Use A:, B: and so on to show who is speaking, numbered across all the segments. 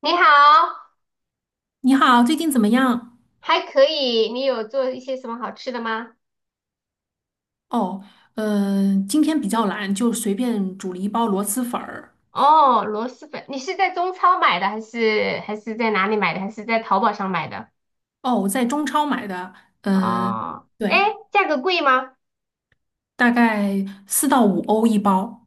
A: 你好，
B: 你好，最近怎么样？
A: 还可以。你有做一些什么好吃的吗？
B: 哦，今天比较懒，就随便煮了一包螺蛳粉儿。
A: 哦，螺蛳粉，你是在中超买的，还是在哪里买的，还是在淘宝上买的？
B: 哦，我在中超买的，嗯、
A: 哦，哎，
B: 对，
A: 价格贵吗？
B: 大概4到5欧一包。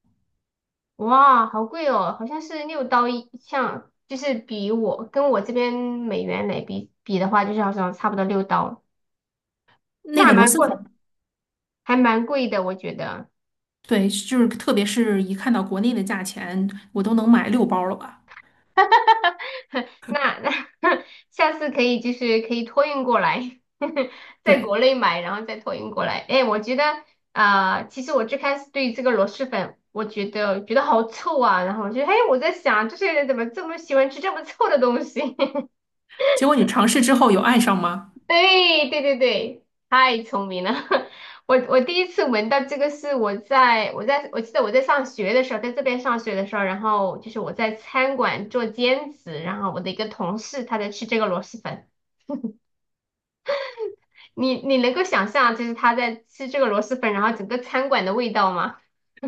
A: 哇，好贵哦，好像是六刀一像，就是比我跟我这边美元来比的话，就是好像差不多六刀，那
B: 那
A: 还
B: 个螺
A: 蛮
B: 蛳
A: 贵，
B: 粉，
A: 还蛮贵的，我觉得。
B: 对，就是特别是一看到国内的价钱，我都能买6包了吧？
A: 那那 下次可以就是可以托运过来，在
B: 对，
A: 国内买，然后再托运过来。哎，我觉得其实我最开始对这个螺蛳粉，我觉得好臭啊，然后我就哎，我在想这些人怎么这么喜欢吃这么臭的东西？
B: 结果你尝试之后有爱上吗？
A: 对对对对，太聪明了！我第一次闻到这个是我记得我在上学的时候，在这边上学的时候，然后就是我在餐馆做兼职，然后我的一个同事他在吃这个螺蛳粉。你能够想象，就是他在吃这个螺蛳粉，然后整个餐馆的味道吗？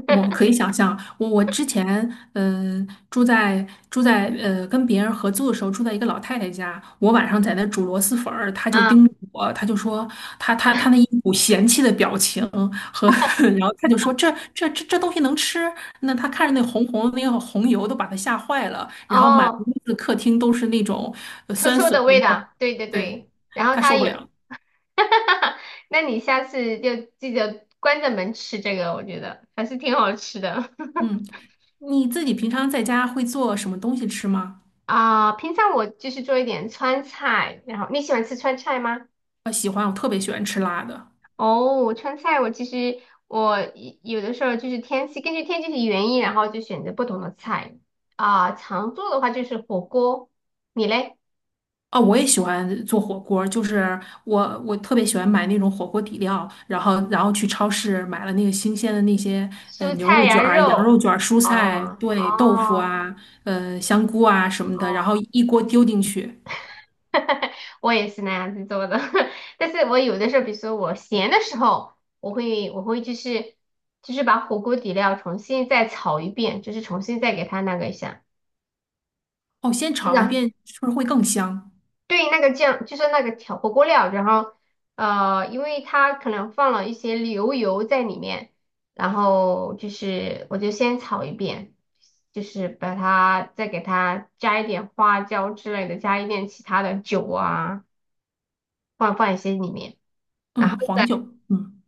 B: 我可以想象，我之前嗯、呃住在住在跟别人合租的时候，住在一个老太太家，我晚上在那煮螺蛳粉儿，她就
A: 啊
B: 盯着我，她就说她那一股嫌弃的表情和，然后她就说这东西能吃？那她看着那红红的那个红油都把她吓坏了，然后满
A: 哦，
B: 屋子客厅都是那种
A: 臭
B: 酸
A: 臭
B: 笋
A: 的
B: 的味
A: 味
B: 儿，
A: 道，对对
B: 对，
A: 对。然后
B: 她
A: 他
B: 受不
A: 有，
B: 了。
A: 那你下次就记得关着门吃这个，我觉得还是挺好吃的。
B: 嗯，你自己平常在家会做什么东西吃吗？
A: 啊。平常我就是做一点川菜，然后你喜欢吃川菜吗？
B: 我喜欢，我特别喜欢吃辣的。
A: 哦，川菜我其实我一有的时候就是天气，根据天气的原因，然后就选择不同的菜。啊。常做的话就是火锅，你嘞？
B: 哦，我也喜欢做火锅儿，就是我特别喜欢买那种火锅底料，然后去超市买了那个新鲜的那些
A: 蔬
B: 牛
A: 菜
B: 肉
A: 呀、
B: 卷儿、羊肉
A: 肉，
B: 卷儿、蔬菜，
A: 哦
B: 对，豆腐
A: 哦
B: 啊，香菇啊什么的，然
A: 哦，
B: 后一锅丢进去，
A: 我也是那样子做的，但是我有的时候，比如说我闲的时候，我会就是把火锅底料重新再炒一遍，就是重新再给它那个一下。
B: 哦，先炒一
A: 那。
B: 遍，是不是会更香？
A: 对，那个酱就是那个调火锅料，然后呃，因为它可能放了一些牛油在里面，然后就是我就先炒一遍，就是把它再给它加一点花椒之类的，加一点其他的酒啊，放一些里面，然后
B: 嗯，黄酒，
A: 再
B: 嗯，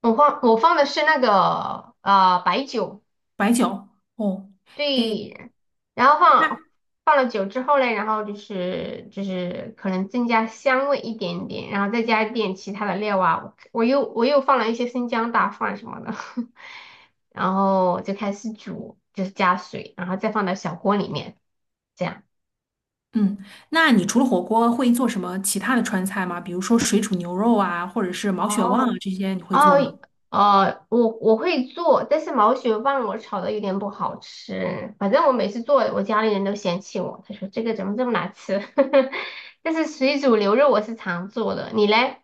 A: 我放我放的是那个白酒。
B: 白酒，哦，诶，
A: 对，然后放了酒之后嘞，然后就是可能增加香味一点点，然后再加一点其他的料啊，我又放了一些生姜大蒜什么的，然后就开始煮，就是加水，然后再放到小锅里面，这样。
B: 嗯，那你除了火锅会做什么其他的川菜吗？比如说水煮牛肉啊，或者是毛血旺啊
A: 哦，
B: 这些，你会做吗？
A: 哦，呃，我我会做，但是毛血旺我炒的有点不好吃。反正我每次做，我家里人都嫌弃我，他说这个怎么这么难吃。但是水煮牛肉我是常做的，你嘞？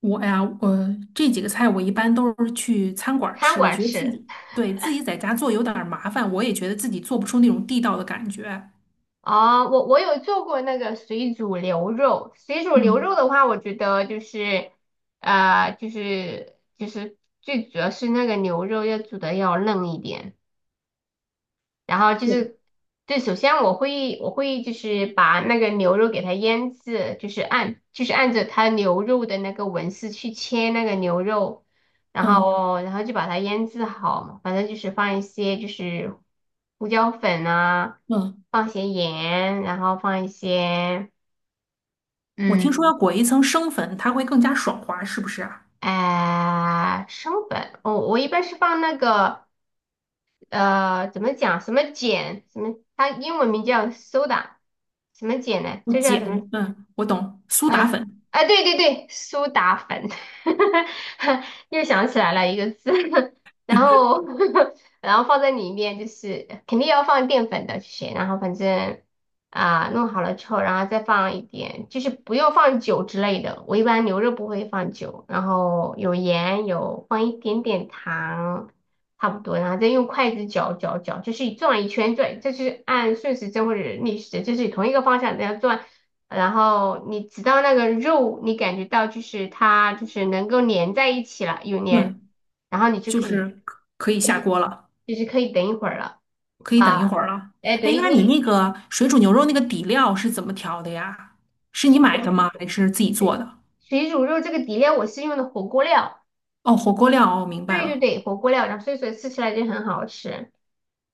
B: 哎呀，我这几个菜我一般都是去餐馆儿
A: 餐
B: 吃，我
A: 馆
B: 觉得自
A: 吃？
B: 己对自己在家做有点儿麻烦，我也觉得自己做不出那种地道的感觉。
A: 哦，我我有做过那个水煮牛肉。水煮牛肉
B: 嗯，
A: 的话，我觉得就是，呃，就是最主要是那个牛肉要煮的要嫩一点。然后就
B: 对，
A: 是，对，首先我会就是把那个牛肉给它腌制，就是按着它牛肉的那个纹丝去切那个牛肉，然
B: 嗯
A: 后然后就把它腌制好嘛，反正就是放一些就是胡椒粉啊，
B: 嗯，
A: 放些盐，然后放一些
B: 我听说
A: 嗯
B: 要裹一层生粉，它会更加爽滑，是不是啊？
A: 哎、生粉，我一般是放那个。呃，怎么讲？什么碱？什么？它英文名叫 soda，什么碱呢？
B: 我
A: 这叫什么
B: 碱，嗯，我懂，苏
A: 啊
B: 打粉，
A: 啊，对对对，苏打粉，又想起来了一个字，然后 然后放在里面，就是肯定要放淀粉的，这些，然后反正啊、弄好了之后，然后再放一点，就是不用放酒之类的，我一般牛肉不会放酒，然后有盐，有放一点点糖，差不多，然后再用筷子搅搅搅，就是转一圈转，就是按顺时针或者逆时针，就是同一个方向这样转。然后你直到那个肉，你感觉到它就是能够粘在一起了，有粘，
B: 嗯，
A: 然后你就
B: 就
A: 可以，
B: 是可以下
A: 对，
B: 锅了，
A: 就是可以等一会儿了。
B: 可以等一
A: 啊。
B: 会儿了。
A: 哎，
B: 哎，
A: 对
B: 那你
A: 你
B: 那个水煮牛肉那个底料是怎么调的呀？是你
A: 水
B: 买的
A: 我
B: 吗？还是自己做
A: 水
B: 的？
A: 水煮肉这个底料我是用的火锅料。
B: 哦，火锅料，哦，明白
A: 对对
B: 了。
A: 对，火锅料，然后所以说吃起来就很好吃。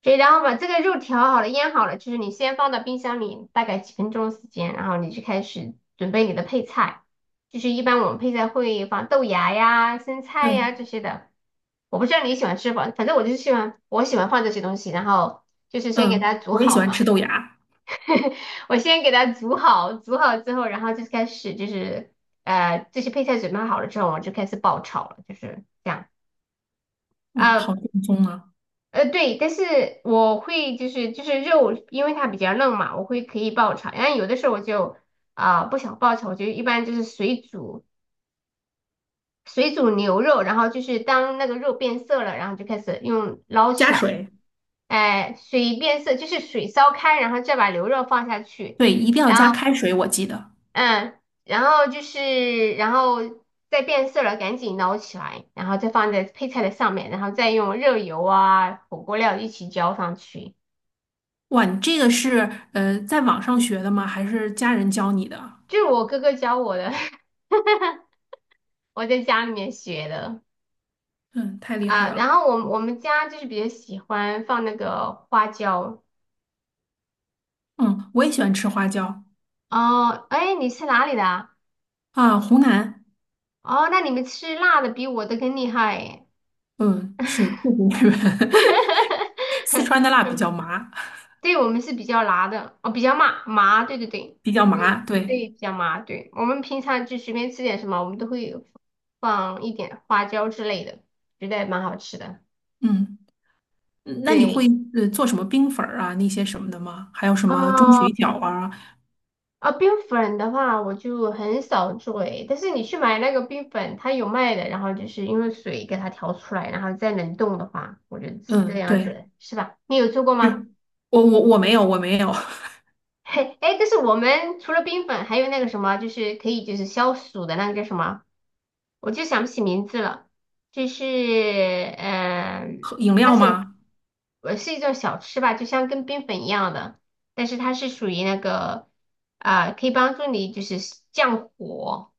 A: 所以然后把这个肉调好了、腌好了，就是你先放到冰箱里大概几分钟时间，然后你就开始准备你的配菜。就是一般我们配菜会放豆芽呀、生菜
B: 对。
A: 呀这些的。我不知道你喜欢吃不，反正我就是喜欢，我喜欢放这些东西，然后就是先给它
B: 嗯，
A: 煮
B: 我也喜
A: 好
B: 欢吃
A: 嘛。
B: 豆芽。
A: 我先给它煮好，煮好之后，然后就开始就是呃这些配菜准备好了之后，我就开始爆炒了，就是这样。
B: 哇，好
A: 啊。
B: 正宗啊！
A: 呃，对，但是我会就是肉，因为它比较嫩嘛，我会可以爆炒。然后有的时候我就啊、不想爆炒，我就一般就是水煮牛肉，然后就是当那个肉变色了，然后就开始用捞起
B: 加
A: 来，
B: 水，
A: 哎、水变色就是水烧开，然后再把牛肉放下去，
B: 对，一定要加
A: 然后
B: 开水，我记得。
A: 嗯，然后就是然后再变色了，赶紧捞起来，然后再放在配菜的上面，然后再用热油啊火锅料一起浇上去。
B: 哇，你这个是在网上学的吗？还是家人教你的？
A: 就是我哥哥教我的，我在家里面学的。
B: 嗯，太厉害
A: 啊。然
B: 了。
A: 后我们家就是比较喜欢放那个花椒。
B: 嗯，我也喜欢吃花椒
A: 哦，哎，你是哪里的啊？
B: 啊，湖南，
A: 哦，那你们吃辣的比我的更厉害耶。
B: 嗯，是就是日本，四川 的辣比较麻，
A: 对，我们是比较辣的，哦，比较麻麻，对对对，
B: 比较
A: 对
B: 麻。对，
A: 对，比较麻。对，我们平常就随便吃点什么，我们都会放一点花椒之类的，觉得蛮好吃的。
B: 嗯，嗯那你
A: 对，
B: 会做什么冰粉儿啊那些什么的吗？还有什么钟
A: 哦，
B: 水饺啊？
A: 啊，冰粉的话我就很少做诶，但是你去买那个冰粉，它有卖的，然后就是因为水给它调出来，然后再冷冻的话，我觉得是这
B: 嗯，
A: 样
B: 对，
A: 子，是吧？你有做过吗？
B: 是 我没有
A: 嘿，哎，但是我们除了冰粉，还有那个什么，就是可以就是消暑的那个叫什么，我就想不起名字了，就是嗯、
B: 喝饮
A: 它
B: 料
A: 是
B: 吗？
A: 呃是一种小吃吧，就像跟冰粉一样的，但是它是属于那个啊、可以帮助你就是降火。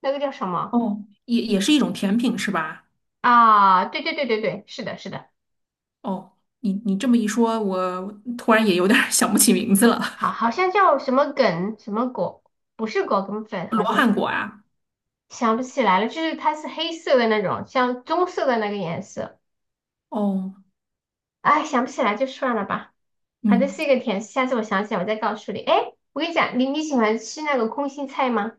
A: 那个叫什么
B: 哦，也是一种甜品是吧？
A: 啊？对对对对对，是的，是的，
B: 哦，你这么一说，我突然也有点儿 想不起名字了。
A: 好，好像叫什么梗什么果，不是果梗粉，
B: 罗
A: 好像是
B: 汉果啊，
A: 想不起来了，就是它是黑色的那种，像棕色的那个颜色。
B: 哦，
A: 哎，想不起来就算了吧，反正
B: 嗯，
A: 是一个甜食下次我想起来我再告诉你。哎，我跟你讲，你喜欢吃那个空心菜吗？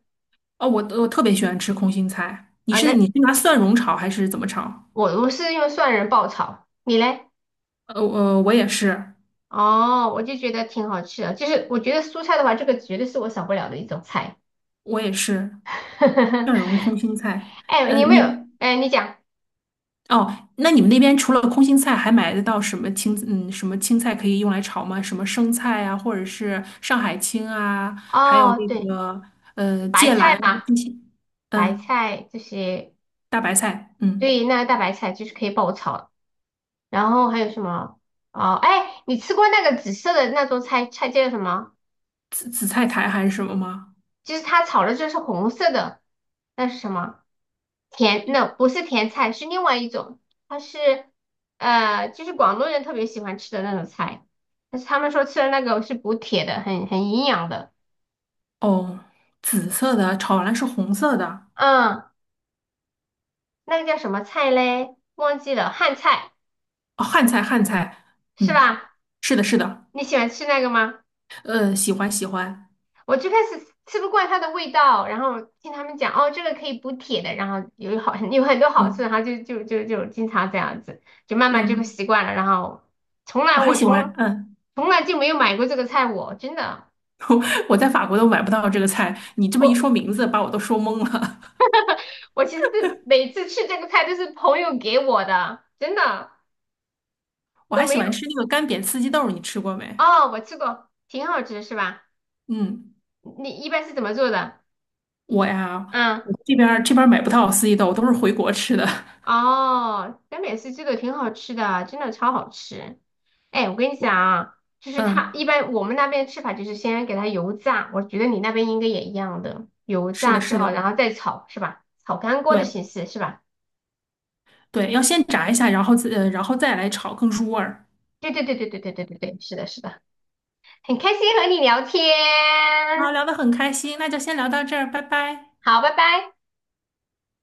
B: 哦，我特别喜欢吃空心菜。你
A: 啊，
B: 是
A: 那
B: 你是拿蒜蓉炒还是怎么炒？
A: 我是用蒜仁爆炒，你嘞？
B: 我也是，
A: 哦，我就觉得挺好吃的，就是我觉得蔬菜的话，这个绝对是我少不了的一种菜。
B: 我也是 蒜蓉空心菜。
A: 哎，你有
B: 嗯，
A: 没有？哎，你讲
B: 哦，那你们那边除了空心菜，还买得到什么什么青菜可以用来炒吗？什么生菜啊，或者是上海青啊，还有
A: 哦，
B: 那
A: 对，
B: 个
A: 白
B: 芥
A: 菜
B: 蓝啊
A: 嘛，
B: 这些，
A: 白
B: 嗯，
A: 菜这些，
B: 大白菜，嗯，
A: 对，那个大白菜就是可以爆炒。然后还有什么？哦，哎，你吃过那个紫色的那种菜菜叫什么？
B: 紫菜苔还是什么吗？
A: 就是它炒的就是红色的，那是什么？甜，那不是甜菜，是另外一种，它是呃，就是广东人特别喜欢吃的那种菜，但是他们说吃的那个是补铁的，很营养的。
B: 哦，紫色的炒完了是红色的，
A: 嗯，那个叫什么菜嘞？忘记了，汉菜。
B: 哦，汉菜汉菜，
A: 是
B: 嗯，
A: 吧？
B: 是的，是的，
A: 你喜欢吃那个吗？
B: 喜欢喜欢，
A: 我最开始吃不惯它的味道，然后听他们讲，哦，这个可以补铁的，然后有好 有很多好处，然
B: 嗯
A: 后就经常这样子，就慢慢就会
B: 嗯，
A: 习惯了，然后从来
B: 我还
A: 我
B: 喜欢，
A: 从
B: 嗯，
A: 从来就没有买过这个菜，我真的，
B: 我在法国都买不到这个菜，你这么一说
A: 我
B: 名字，把我都说懵了。
A: 我其实是每次吃这个菜都是朋友给我的，真的，
B: 我
A: 我
B: 还喜
A: 没有，
B: 欢吃那个干煸四季豆，你吃过没？
A: 哦，我吃过，挺好吃是吧？
B: 嗯，
A: 你一般是怎么做的？
B: 我呀，
A: 嗯
B: 我这边儿买不到四季豆，都是回国吃的。
A: 哦，南美式这个挺好吃的，真的超好吃。哎，我跟 你讲
B: 我
A: 啊，就是它一
B: 嗯，
A: 般我们那边吃法就是先给它油炸，我觉得你那边应该也一样的，油
B: 是
A: 炸
B: 的，
A: 之
B: 是
A: 后
B: 的，
A: 然后再炒是吧？炒干锅的
B: 对
A: 形式是吧？
B: 对，要先炸一下，然后自呃，然后再来炒，更入味儿。
A: 对对对对对对对对对，是的，是的，很开心和你聊天，
B: 好，聊得很开心，那就先聊到这儿，拜拜。
A: 好，拜拜。